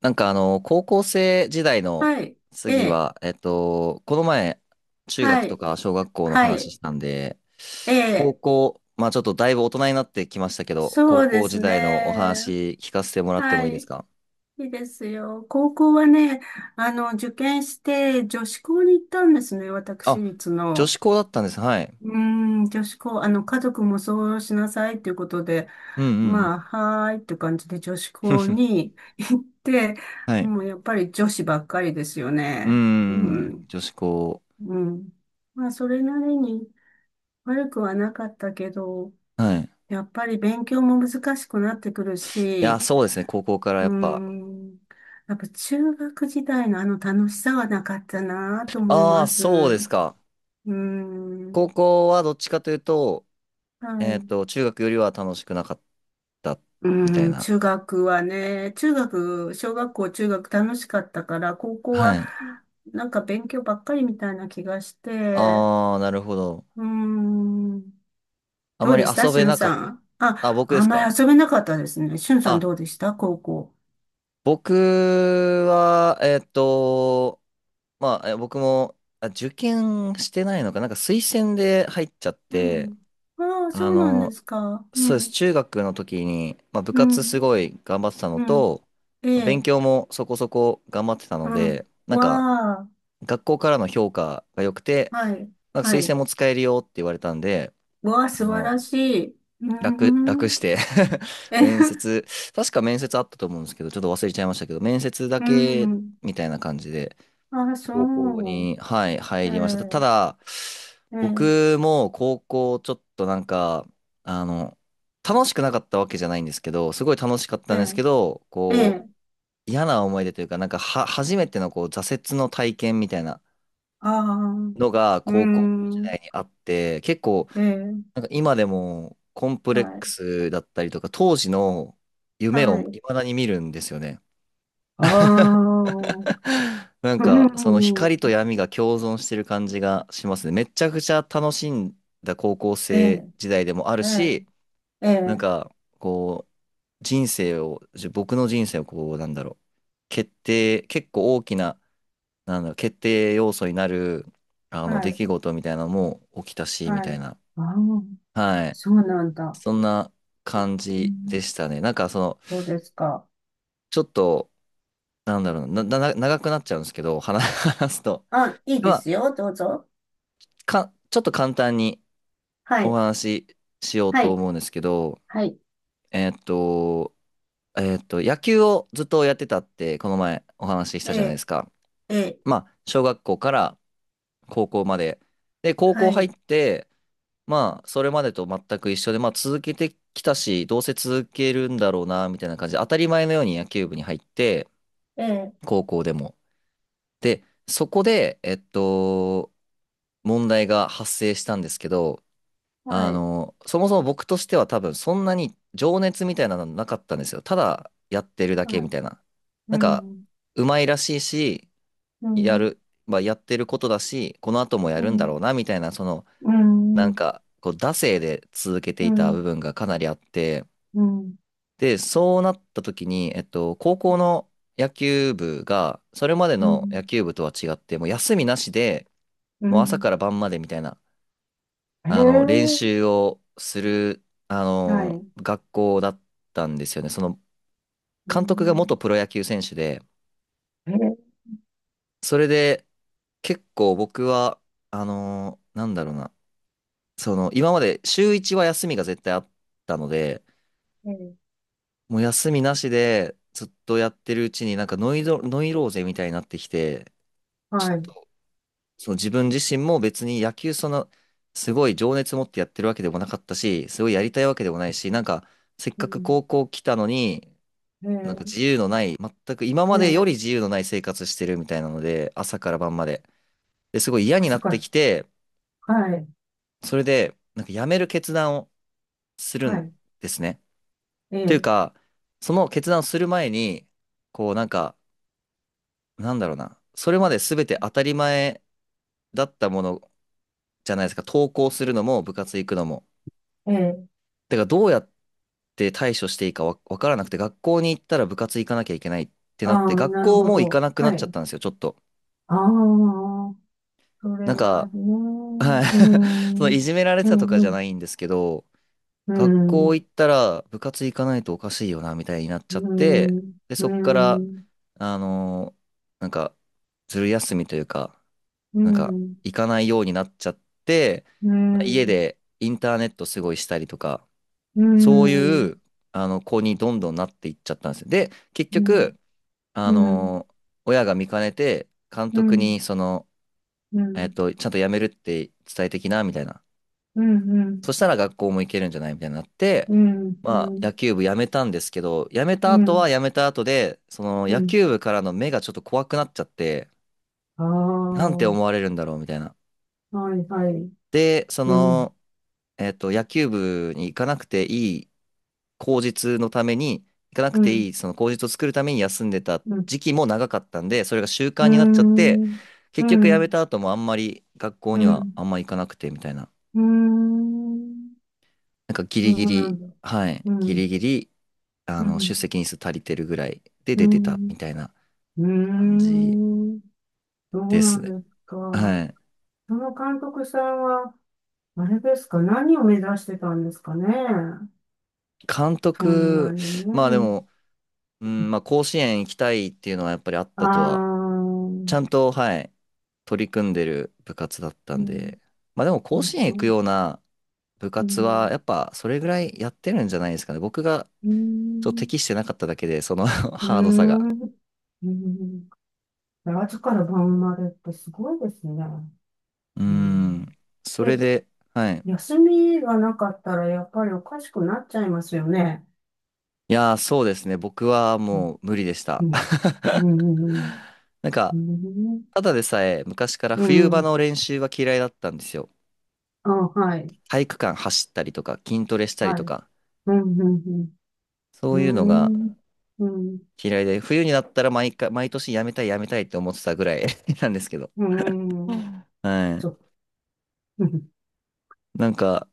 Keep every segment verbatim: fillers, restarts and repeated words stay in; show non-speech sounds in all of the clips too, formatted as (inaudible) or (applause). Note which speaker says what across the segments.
Speaker 1: なんかあの、高校生時代の
Speaker 2: はい。え
Speaker 1: 次
Speaker 2: え。
Speaker 1: は、えっと、この前、中学
Speaker 2: は
Speaker 1: と
Speaker 2: い。
Speaker 1: か小学校の
Speaker 2: は
Speaker 1: 話
Speaker 2: い。
Speaker 1: したんで、
Speaker 2: え
Speaker 1: 高
Speaker 2: え。
Speaker 1: 校、まあちょっとだいぶ大人になってきましたけど、高
Speaker 2: そうで
Speaker 1: 校
Speaker 2: す
Speaker 1: 時代のお
Speaker 2: ね。
Speaker 1: 話聞かせてもらって
Speaker 2: は
Speaker 1: もいいです
Speaker 2: い。
Speaker 1: か？
Speaker 2: いいですよ。高校はね、あの、受験して女子校に行ったんですね。私
Speaker 1: あ、
Speaker 2: 立
Speaker 1: 女
Speaker 2: の。
Speaker 1: 子校だったんです。はい。
Speaker 2: うーん、女子校、あの、家族もそうしなさいということで、
Speaker 1: うんうんう
Speaker 2: ま
Speaker 1: ん。
Speaker 2: あ、はーいって感じで女子校
Speaker 1: (laughs)
Speaker 2: に行って、
Speaker 1: はい。
Speaker 2: もうやっぱり女子ばっかりですよ
Speaker 1: う
Speaker 2: ね。う
Speaker 1: ん、
Speaker 2: ん。
Speaker 1: 女子校。
Speaker 2: うん。まあ、それなりに悪くはなかったけど、
Speaker 1: はい。い
Speaker 2: やっぱり勉強も難しくなってくる
Speaker 1: や、
Speaker 2: し、
Speaker 1: そうですね、高校から
Speaker 2: う
Speaker 1: や
Speaker 2: ー
Speaker 1: っぱ。
Speaker 2: ん、やっぱ中学時代のあの楽しさはなかったなと思い
Speaker 1: ああ、
Speaker 2: ます。
Speaker 1: そうで
Speaker 2: う
Speaker 1: すか。
Speaker 2: ーん、
Speaker 1: 高校はどっちかというと、
Speaker 2: は
Speaker 1: えっ
Speaker 2: い。
Speaker 1: と、中学よりは楽しくなかった
Speaker 2: うー
Speaker 1: みたい
Speaker 2: ん、
Speaker 1: な。
Speaker 2: 中学はね、中学、小学校、中学楽しかったから、高校
Speaker 1: は
Speaker 2: は
Speaker 1: い。
Speaker 2: なんか勉強ばっかりみたいな気がして、
Speaker 1: ああ、なるほど。
Speaker 2: うーん、
Speaker 1: あ
Speaker 2: ど
Speaker 1: ま
Speaker 2: う
Speaker 1: り
Speaker 2: でした
Speaker 1: 遊
Speaker 2: し
Speaker 1: べ
Speaker 2: ゅん
Speaker 1: なか
Speaker 2: さ
Speaker 1: っ
Speaker 2: ん。
Speaker 1: た。あ、
Speaker 2: あ、
Speaker 1: 僕で
Speaker 2: あん
Speaker 1: す
Speaker 2: ま
Speaker 1: か？
Speaker 2: り遊べなかったですね。しゅんさん
Speaker 1: あ、
Speaker 2: どうでした高校。
Speaker 1: 僕は、えっと、まあ、え僕も、あ、受験してないのか。なんか推薦で入っちゃっ
Speaker 2: う
Speaker 1: て、
Speaker 2: ん。ああ、
Speaker 1: あ
Speaker 2: そうなんで
Speaker 1: の、
Speaker 2: すか。う
Speaker 1: そうです。
Speaker 2: ん。
Speaker 1: 中学の時に、まあ、部
Speaker 2: う
Speaker 1: 活す
Speaker 2: ん。
Speaker 1: ごい頑張ってたの
Speaker 2: うん。
Speaker 1: と、
Speaker 2: ええ。
Speaker 1: 勉強もそこそこ頑張ってた
Speaker 2: う
Speaker 1: ので、
Speaker 2: ん。
Speaker 1: なんか、
Speaker 2: わあ。
Speaker 1: 学校からの評価が良くて、
Speaker 2: はい。
Speaker 1: なんか
Speaker 2: は
Speaker 1: 推薦
Speaker 2: い。
Speaker 1: も使えるよって言われたんで、
Speaker 2: わあ、
Speaker 1: あ
Speaker 2: 素晴
Speaker 1: の、
Speaker 2: らしい。うー
Speaker 1: 楽、楽
Speaker 2: ん。
Speaker 1: して (laughs)
Speaker 2: え、(laughs)
Speaker 1: 面接、確か面接あったと思うんですけど、ちょっと忘れちゃいましたけど、面接だ
Speaker 2: う
Speaker 1: け
Speaker 2: ん。
Speaker 1: みたいな感じで、
Speaker 2: ああ、そ
Speaker 1: 高校に、はい、
Speaker 2: う。
Speaker 1: 入りました。た
Speaker 2: え
Speaker 1: だ、
Speaker 2: え。ええ。
Speaker 1: 僕も高校ちょっとなんか、あの、楽しくなかったわけじゃないんですけど、すごい楽しかっ
Speaker 2: え
Speaker 1: たんです
Speaker 2: え。
Speaker 1: けど、
Speaker 2: え
Speaker 1: こ
Speaker 2: え。
Speaker 1: う、嫌な思い出というか、なんかは、初めてのこう、挫折の体験みたいな
Speaker 2: ああ。う
Speaker 1: のが
Speaker 2: ー
Speaker 1: 高校時
Speaker 2: ん。
Speaker 1: 代にあって、結構
Speaker 2: ええ。
Speaker 1: なんか今でもコンプレッ
Speaker 2: は
Speaker 1: ク
Speaker 2: い。
Speaker 1: スだったりとか、当時の夢を
Speaker 2: はい。
Speaker 1: 未だに見るんですよね。
Speaker 2: ああ。
Speaker 1: (laughs) なんかその
Speaker 2: うん。
Speaker 1: 光と闇が共存してる感じがしますね。めちゃくちゃ楽しんだ高校
Speaker 2: え
Speaker 1: 生
Speaker 2: え。
Speaker 1: 時代でもある
Speaker 2: ええ。
Speaker 1: し、
Speaker 2: え
Speaker 1: なん
Speaker 2: え。
Speaker 1: かこう人生を、じ僕の人生をこうなんだろう、決定、結構大きな、なんだろう、決定要素になるあの
Speaker 2: は
Speaker 1: 出
Speaker 2: い。
Speaker 1: 来事みたいなのも起きたし、み
Speaker 2: は
Speaker 1: たい
Speaker 2: い。
Speaker 1: な。
Speaker 2: ああ。
Speaker 1: はい。
Speaker 2: そうなんだ。
Speaker 1: そんな感
Speaker 2: う
Speaker 1: じで
Speaker 2: ん。
Speaker 1: したね。なんかその、
Speaker 2: そうですか。
Speaker 1: ちょっと、なんだろうな、な、な長くなっちゃうんですけど、話 (laughs) 話すと。
Speaker 2: あ、いい
Speaker 1: ま
Speaker 2: です
Speaker 1: あ、
Speaker 2: よ。どうぞ。
Speaker 1: か、ちょっと簡単に
Speaker 2: は
Speaker 1: お
Speaker 2: い。
Speaker 1: 話ししよう
Speaker 2: は
Speaker 1: と
Speaker 2: い。
Speaker 1: 思うんですけど、
Speaker 2: はい。
Speaker 1: えーっと、えーっと、野球をずっとやってたって、この前お話しし
Speaker 2: え
Speaker 1: たじゃないで
Speaker 2: え、
Speaker 1: すか。
Speaker 2: ええ、
Speaker 1: まあ、小学校から高校まで。で、高校
Speaker 2: は
Speaker 1: 入っ
Speaker 2: い。
Speaker 1: て、まあ、それまでと全く一緒で、まあ、続けてきたし、どうせ続けるんだろうな、みたいな感じで、当たり前のように野球部に入って、
Speaker 2: ええ、
Speaker 1: 高校でも。で、そこで、えっと、問題が発生したんですけど、
Speaker 2: は
Speaker 1: あ
Speaker 2: い。
Speaker 1: の、そもそも僕としては多分そんなに情熱みたいなのなかったんですよ。ただやってるだけ
Speaker 2: は
Speaker 1: み
Speaker 2: い。
Speaker 1: たいな。
Speaker 2: う
Speaker 1: なんか、
Speaker 2: ん、
Speaker 1: うまいらしいし、
Speaker 2: う
Speaker 1: や
Speaker 2: ん、
Speaker 1: る、まあ、やってることだし、この後もや
Speaker 2: う
Speaker 1: るんだ
Speaker 2: ん、
Speaker 1: ろうな、みたいな、その、
Speaker 2: う
Speaker 1: なん
Speaker 2: ん、
Speaker 1: か、こう、惰性で続けて
Speaker 2: う
Speaker 1: い
Speaker 2: ん、
Speaker 1: た
Speaker 2: うん、
Speaker 1: 部分がかなりあって、
Speaker 2: うん、
Speaker 1: で、そうなった時に、えっと、高校の野球部が、それまで
Speaker 2: う
Speaker 1: の
Speaker 2: ん、
Speaker 1: 野球部とは違って、もう休みなしで、
Speaker 2: う
Speaker 1: もう朝か
Speaker 2: ん。
Speaker 1: ら晩までみたいな、
Speaker 2: へえ、
Speaker 1: あの、練習をする、あ
Speaker 2: は
Speaker 1: の、
Speaker 2: い。
Speaker 1: 学校だったんですよね。その、
Speaker 2: う
Speaker 1: 監督が元
Speaker 2: ん、
Speaker 1: プロ野球選手で、
Speaker 2: へえ、
Speaker 1: それで、結構僕は、あの、なんだろうな、その、今まで週いちは休みが絶対あったので、
Speaker 2: ええ、
Speaker 1: もう休みなしで、ずっとやってるうちになんかノイド、ノイローゼみたいになってきて、
Speaker 2: はい。
Speaker 1: その自分自身も別に野球その、すごい情熱持ってやってるわけでもなかったし、すごいやりたいわけでもないし、なんか、せっ
Speaker 2: う
Speaker 1: かく
Speaker 2: ん、
Speaker 1: 高校来たのに、
Speaker 2: へ
Speaker 1: なんか
Speaker 2: え、
Speaker 1: 自由のない、全く今
Speaker 2: へ
Speaker 1: までよ
Speaker 2: え、
Speaker 1: り自由のない生活してるみたいなので、朝から晩まで。で、すごい嫌
Speaker 2: あ、
Speaker 1: にな
Speaker 2: そっ
Speaker 1: ってき
Speaker 2: か。
Speaker 1: て、
Speaker 2: はい。
Speaker 1: それで、なんか辞める決断をする
Speaker 2: は
Speaker 1: ん
Speaker 2: い。
Speaker 1: ですね。
Speaker 2: え
Speaker 1: という
Speaker 2: え、
Speaker 1: か、その決断をする前に、こうなんか、なんだろうな、それまで全て当たり前だったものじゃないですか、登校するのも部活行くのも。
Speaker 2: ええ、
Speaker 1: てかどうやって対処していいかわ、わからなくて、学校に行ったら部活行かなきゃいけないって
Speaker 2: あ
Speaker 1: なって、
Speaker 2: あ、
Speaker 1: 学
Speaker 2: なる
Speaker 1: 校
Speaker 2: ほ
Speaker 1: も行か
Speaker 2: ど。
Speaker 1: なくなっ
Speaker 2: は
Speaker 1: ちゃっ
Speaker 2: い。
Speaker 1: たんですよ、ちょっと。
Speaker 2: ああ、それ
Speaker 1: なん
Speaker 2: は
Speaker 1: か、
Speaker 2: ね、
Speaker 1: はい。
Speaker 2: う
Speaker 1: (laughs) その
Speaker 2: ん、う
Speaker 1: い
Speaker 2: ん、
Speaker 1: じめられてたとか
Speaker 2: う
Speaker 1: じゃな
Speaker 2: ん、
Speaker 1: いんですけど、
Speaker 2: う
Speaker 1: 学
Speaker 2: ん、う
Speaker 1: 校
Speaker 2: ん、
Speaker 1: 行ったら部活行かないとおかしいよな、みたいになっちゃっ
Speaker 2: う
Speaker 1: て、
Speaker 2: ん、
Speaker 1: で、
Speaker 2: う
Speaker 1: そっから、
Speaker 2: ん、
Speaker 1: あのーなんか、ずる休みというか、
Speaker 2: う
Speaker 1: なんか、
Speaker 2: ん、
Speaker 1: 行かないようになっちゃって、
Speaker 2: う
Speaker 1: 家
Speaker 2: ん、
Speaker 1: でインターネットすごいしたりとか、
Speaker 2: う
Speaker 1: そうい
Speaker 2: ん、
Speaker 1: う、あの、子にどんどんなっていっちゃったんですよ。で、結
Speaker 2: うん、
Speaker 1: 局、あ
Speaker 2: うん、
Speaker 1: のー親が見かねて、監
Speaker 2: う
Speaker 1: 督
Speaker 2: ん、
Speaker 1: に、その、
Speaker 2: う
Speaker 1: えっ
Speaker 2: ん、
Speaker 1: と、ちゃんと辞めるって伝えてきな、みたいな。
Speaker 2: うん、うん、
Speaker 1: そしたら学校も行けるんじゃないみたいになって、まあ、野球部辞めたんですけど、辞めた
Speaker 2: う
Speaker 1: 後
Speaker 2: ん、
Speaker 1: は辞めた後で、その、
Speaker 2: う
Speaker 1: 野
Speaker 2: ん、
Speaker 1: 球部からの目がちょっと怖くなっちゃって、
Speaker 2: あ
Speaker 1: な
Speaker 2: あ、
Speaker 1: んて思われるんだろう、みたいな。
Speaker 2: はい、はい、
Speaker 1: で、そ
Speaker 2: うん、
Speaker 1: の、えっと、野球部に行かなくていい口実のために、行かなく
Speaker 2: う
Speaker 1: て
Speaker 2: ん、
Speaker 1: いい、その口実を作るために休んでた
Speaker 2: うん、
Speaker 1: 時期も長かったんで、それが習
Speaker 2: う
Speaker 1: 慣になっちゃって、
Speaker 2: ん、
Speaker 1: 結
Speaker 2: う
Speaker 1: 局辞め
Speaker 2: ん、
Speaker 1: た後もあんまり学校
Speaker 2: う
Speaker 1: には
Speaker 2: ん、
Speaker 1: あんま行かなくてみたいな。
Speaker 2: うん、
Speaker 1: なんかギ
Speaker 2: そう
Speaker 1: リギ
Speaker 2: な
Speaker 1: リ、
Speaker 2: ん、だ
Speaker 1: はい、
Speaker 2: う
Speaker 1: ギ
Speaker 2: ん、
Speaker 1: リギリ、あ
Speaker 2: う
Speaker 1: の、出
Speaker 2: ん、
Speaker 1: 席日数足りてるぐらいで
Speaker 2: う
Speaker 1: 出てた
Speaker 2: ん、
Speaker 1: みたいな
Speaker 2: う
Speaker 1: 感じ
Speaker 2: ん、そ
Speaker 1: で
Speaker 2: うな
Speaker 1: すね。
Speaker 2: んですか。
Speaker 1: はい。
Speaker 2: その監督さんは、あれですか、何を目指してたんですかね。
Speaker 1: 監
Speaker 2: そんな
Speaker 1: 督、
Speaker 2: にね。
Speaker 1: まあでも、うん、まあ甲子園行きたいっていうのはやっぱりあったと
Speaker 2: ああ、
Speaker 1: は
Speaker 2: う
Speaker 1: ち
Speaker 2: ん、
Speaker 1: ゃんと、はい、取り組んでる部活だった
Speaker 2: う
Speaker 1: ん
Speaker 2: ん、
Speaker 1: で、まあでも甲子園
Speaker 2: う
Speaker 1: 行く
Speaker 2: ん、
Speaker 1: ような部
Speaker 2: う
Speaker 1: 活は、
Speaker 2: ん、
Speaker 1: やっぱそれぐらいやってるんじゃないですかね。僕がちょっと適してなかっただけで、その (laughs)
Speaker 2: う
Speaker 1: ハードさが。
Speaker 2: ん、うん。朝から晩までってすごいですね。
Speaker 1: うー
Speaker 2: う
Speaker 1: ん、
Speaker 2: ん、
Speaker 1: それ
Speaker 2: で、
Speaker 1: で、はい。
Speaker 2: 休みがなかったらやっぱりおかしくなっちゃいますよね。
Speaker 1: いやー、そうですね。僕は
Speaker 2: うん、
Speaker 1: もう無理でし
Speaker 2: う
Speaker 1: た。
Speaker 2: ん、
Speaker 1: (laughs)
Speaker 2: うん、
Speaker 1: なん
Speaker 2: う
Speaker 1: か、
Speaker 2: ん、う
Speaker 1: ただでさえ昔から
Speaker 2: ん、う
Speaker 1: 冬場
Speaker 2: ん。
Speaker 1: の練習は嫌いだったんですよ。
Speaker 2: あ、はい、
Speaker 1: 体育館走ったりとか、筋トレしたり
Speaker 2: は
Speaker 1: と
Speaker 2: い。
Speaker 1: か、
Speaker 2: うん、うん、
Speaker 1: そう
Speaker 2: う
Speaker 1: いうのが
Speaker 2: ん、うん、
Speaker 1: 嫌いで、冬になったら毎回、毎年やめたいやめたいって思ってたぐらい (laughs) なんですけど。
Speaker 2: うん、うん。
Speaker 1: はい。
Speaker 2: そう、うん、
Speaker 1: なんか、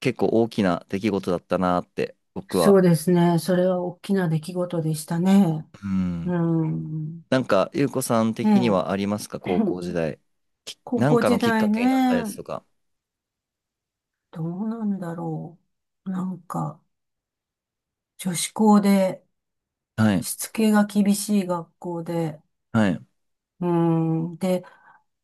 Speaker 1: 結構大きな出来事だったなって、僕は。
Speaker 2: そうですね。それは大きな出来事でしたね。
Speaker 1: うん。
Speaker 2: うん、
Speaker 1: なんか、ゆうこさん的に
Speaker 2: ね
Speaker 1: はありますか
Speaker 2: え
Speaker 1: 高校時
Speaker 2: (clears throat)
Speaker 1: 代。き
Speaker 2: 高
Speaker 1: なん
Speaker 2: 校
Speaker 1: か
Speaker 2: 時
Speaker 1: のきっ
Speaker 2: 代
Speaker 1: か
Speaker 2: ね、
Speaker 1: けになったやつとか。
Speaker 2: どうなんだろう。なんか、女子校で、
Speaker 1: はい。
Speaker 2: しつけが厳しい学校で、
Speaker 1: はい。
Speaker 2: うん、で、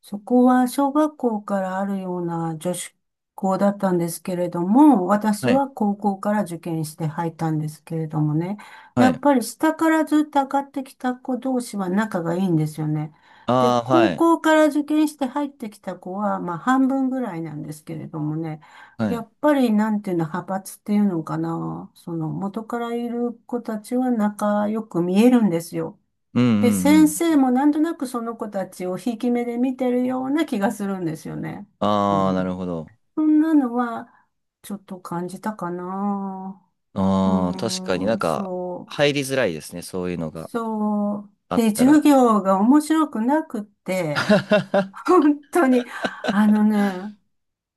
Speaker 2: そこは小学校からあるような女子校だったんですけれども、私
Speaker 1: はい。
Speaker 2: は高校から受験して入ったんですけれどもね、
Speaker 1: は
Speaker 2: やっ
Speaker 1: い。
Speaker 2: ぱり下からずっと上がってきた子同士は仲がいいんですよね。で、
Speaker 1: ああ、は
Speaker 2: 高
Speaker 1: い。
Speaker 2: 校から受験して入ってきた子は、まあ半分ぐらいなんですけれどもね、
Speaker 1: は
Speaker 2: や
Speaker 1: い。
Speaker 2: っぱりなんていうの、派閥っていうのかな、その元からいる子たちは仲良く見えるんですよ。
Speaker 1: うんう
Speaker 2: で、
Speaker 1: んう
Speaker 2: 先生
Speaker 1: ん。
Speaker 2: もなんとなくその子たちをひいき目で見てるような気がするんですよね。う
Speaker 1: ああ、なる
Speaker 2: ん。
Speaker 1: ほど。
Speaker 2: そんなのは、ちょっと感じたかな。う
Speaker 1: ああ、確かにな
Speaker 2: ー
Speaker 1: ん
Speaker 2: ん、
Speaker 1: か、
Speaker 2: そう。
Speaker 1: 入りづらいですね。そういうのが
Speaker 2: そう。
Speaker 1: あっ
Speaker 2: で、
Speaker 1: た
Speaker 2: 授
Speaker 1: ら。
Speaker 2: 業が面白くなくて、
Speaker 1: (laughs)
Speaker 2: 本当に、あのね、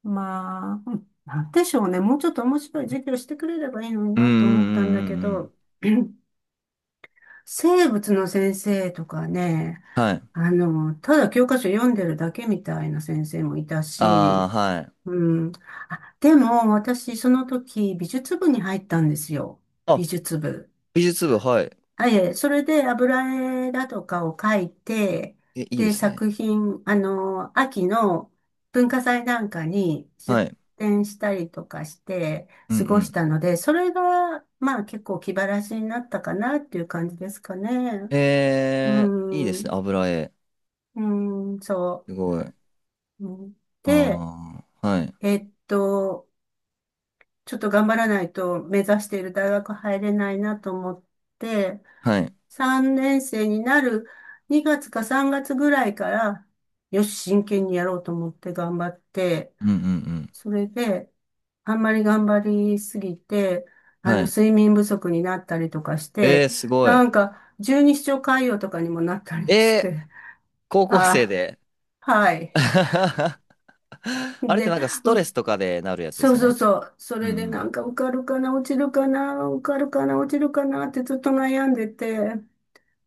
Speaker 2: まあ、うん、なんでしょうね。もうちょっと面白い授業してくれればいいのに
Speaker 1: うんうん
Speaker 2: な
Speaker 1: う
Speaker 2: と思ったんだ
Speaker 1: ん
Speaker 2: け
Speaker 1: うんうん。
Speaker 2: ど、(clears throat) 生物の先生とかね、
Speaker 1: はい。
Speaker 2: あの、ただ教科書読んでるだけみたいな先生もいた
Speaker 1: あ
Speaker 2: し、
Speaker 1: あ、はい。
Speaker 2: うん。あ、でも、私、その時、美術部に入ったんですよ。
Speaker 1: あ、
Speaker 2: 美術部。
Speaker 1: 美術部、はい。
Speaker 2: あ、いえ、それで油絵だとかを描いて、
Speaker 1: え、いいで
Speaker 2: で、
Speaker 1: すね。
Speaker 2: 作品、あの、秋の文化祭なんかに
Speaker 1: は
Speaker 2: 出
Speaker 1: い。
Speaker 2: 展したりとかして
Speaker 1: うんう
Speaker 2: 過ごし
Speaker 1: ん
Speaker 2: たので、それが、まあ結構気晴らしになったかなっていう感じですかね。う
Speaker 1: えー、いいですね。
Speaker 2: ん、
Speaker 1: 油絵。
Speaker 2: うん、そ
Speaker 1: すごい。
Speaker 2: う。うん、で、
Speaker 1: ああ、はい。
Speaker 2: えっと、ちょっと頑張らないと目指している大学入れないなと思って、
Speaker 1: はい。
Speaker 2: さんねん生になるにがつかさんがつぐらいから、よし、真剣にやろうと思って頑張って、
Speaker 1: うんうんうん。
Speaker 2: それで、あんまり頑張りすぎて、あ
Speaker 1: は
Speaker 2: の、
Speaker 1: い。
Speaker 2: 睡眠不足になったりとかし
Speaker 1: えー、
Speaker 2: て、
Speaker 1: すごい。
Speaker 2: なんか、十二指腸潰瘍とかにもなったりし
Speaker 1: えー、
Speaker 2: て、
Speaker 1: 高校生
Speaker 2: あ、
Speaker 1: で。
Speaker 2: はい。
Speaker 1: (laughs) あれって
Speaker 2: で、
Speaker 1: なんかスト
Speaker 2: う
Speaker 1: レ
Speaker 2: っ
Speaker 1: スとかでなるやつで
Speaker 2: そ
Speaker 1: す
Speaker 2: う
Speaker 1: よ
Speaker 2: そう
Speaker 1: ね。
Speaker 2: そう。そ
Speaker 1: う
Speaker 2: れで
Speaker 1: ん
Speaker 2: なんか受かるかな、落ちるかな、受かるかな、落ちるかなってずっと悩んでて、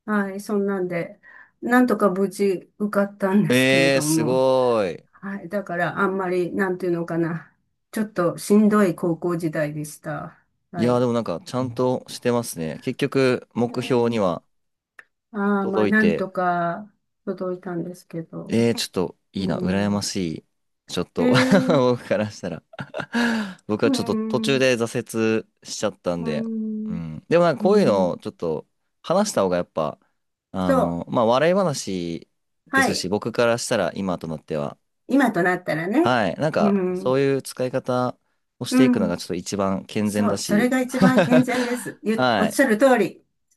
Speaker 2: はい、そんなんで、なんとか無事受かったん
Speaker 1: う
Speaker 2: で
Speaker 1: ん。
Speaker 2: すけれ
Speaker 1: えー、
Speaker 2: ど
Speaker 1: す
Speaker 2: も、
Speaker 1: ごい。
Speaker 2: はい、だからあんまり、なんていうのかな、ちょっとしんどい高校時代でした。
Speaker 1: い
Speaker 2: は
Speaker 1: やー、で
Speaker 2: い。
Speaker 1: もなんかちゃんとしてますね。結局、目標に
Speaker 2: ね、
Speaker 1: は
Speaker 2: ああ、まあ、
Speaker 1: 届い
Speaker 2: なん
Speaker 1: て。
Speaker 2: とか届いたんですけど。
Speaker 1: えー、ちょっといいな、
Speaker 2: う
Speaker 1: 羨ま
Speaker 2: ん。
Speaker 1: しい。ちょっ
Speaker 2: え
Speaker 1: と (laughs)
Speaker 2: ー、
Speaker 1: 僕からしたら (laughs) 僕は
Speaker 2: う
Speaker 1: ちょっと途中
Speaker 2: ん、
Speaker 1: で挫折しちゃったん
Speaker 2: う
Speaker 1: で、う
Speaker 2: ん、
Speaker 1: ん。でもなんか
Speaker 2: う
Speaker 1: こういうの
Speaker 2: ん。
Speaker 1: をちょっと話した方がやっぱ、あ
Speaker 2: そう。
Speaker 1: の、まあ笑い話で
Speaker 2: は
Speaker 1: すし、
Speaker 2: い。
Speaker 1: 僕からしたら今となっては、
Speaker 2: 今となったらね。
Speaker 1: はい。なん
Speaker 2: う
Speaker 1: かそう
Speaker 2: ん。
Speaker 1: いう使い方をしてい
Speaker 2: う
Speaker 1: くのが
Speaker 2: ん。
Speaker 1: ちょっと一番健全
Speaker 2: そ
Speaker 1: だ
Speaker 2: う。それ
Speaker 1: し、
Speaker 2: が一番健全で
Speaker 1: (laughs)
Speaker 2: す。ゆ、お
Speaker 1: は
Speaker 2: っ
Speaker 1: い。
Speaker 2: しゃる通り。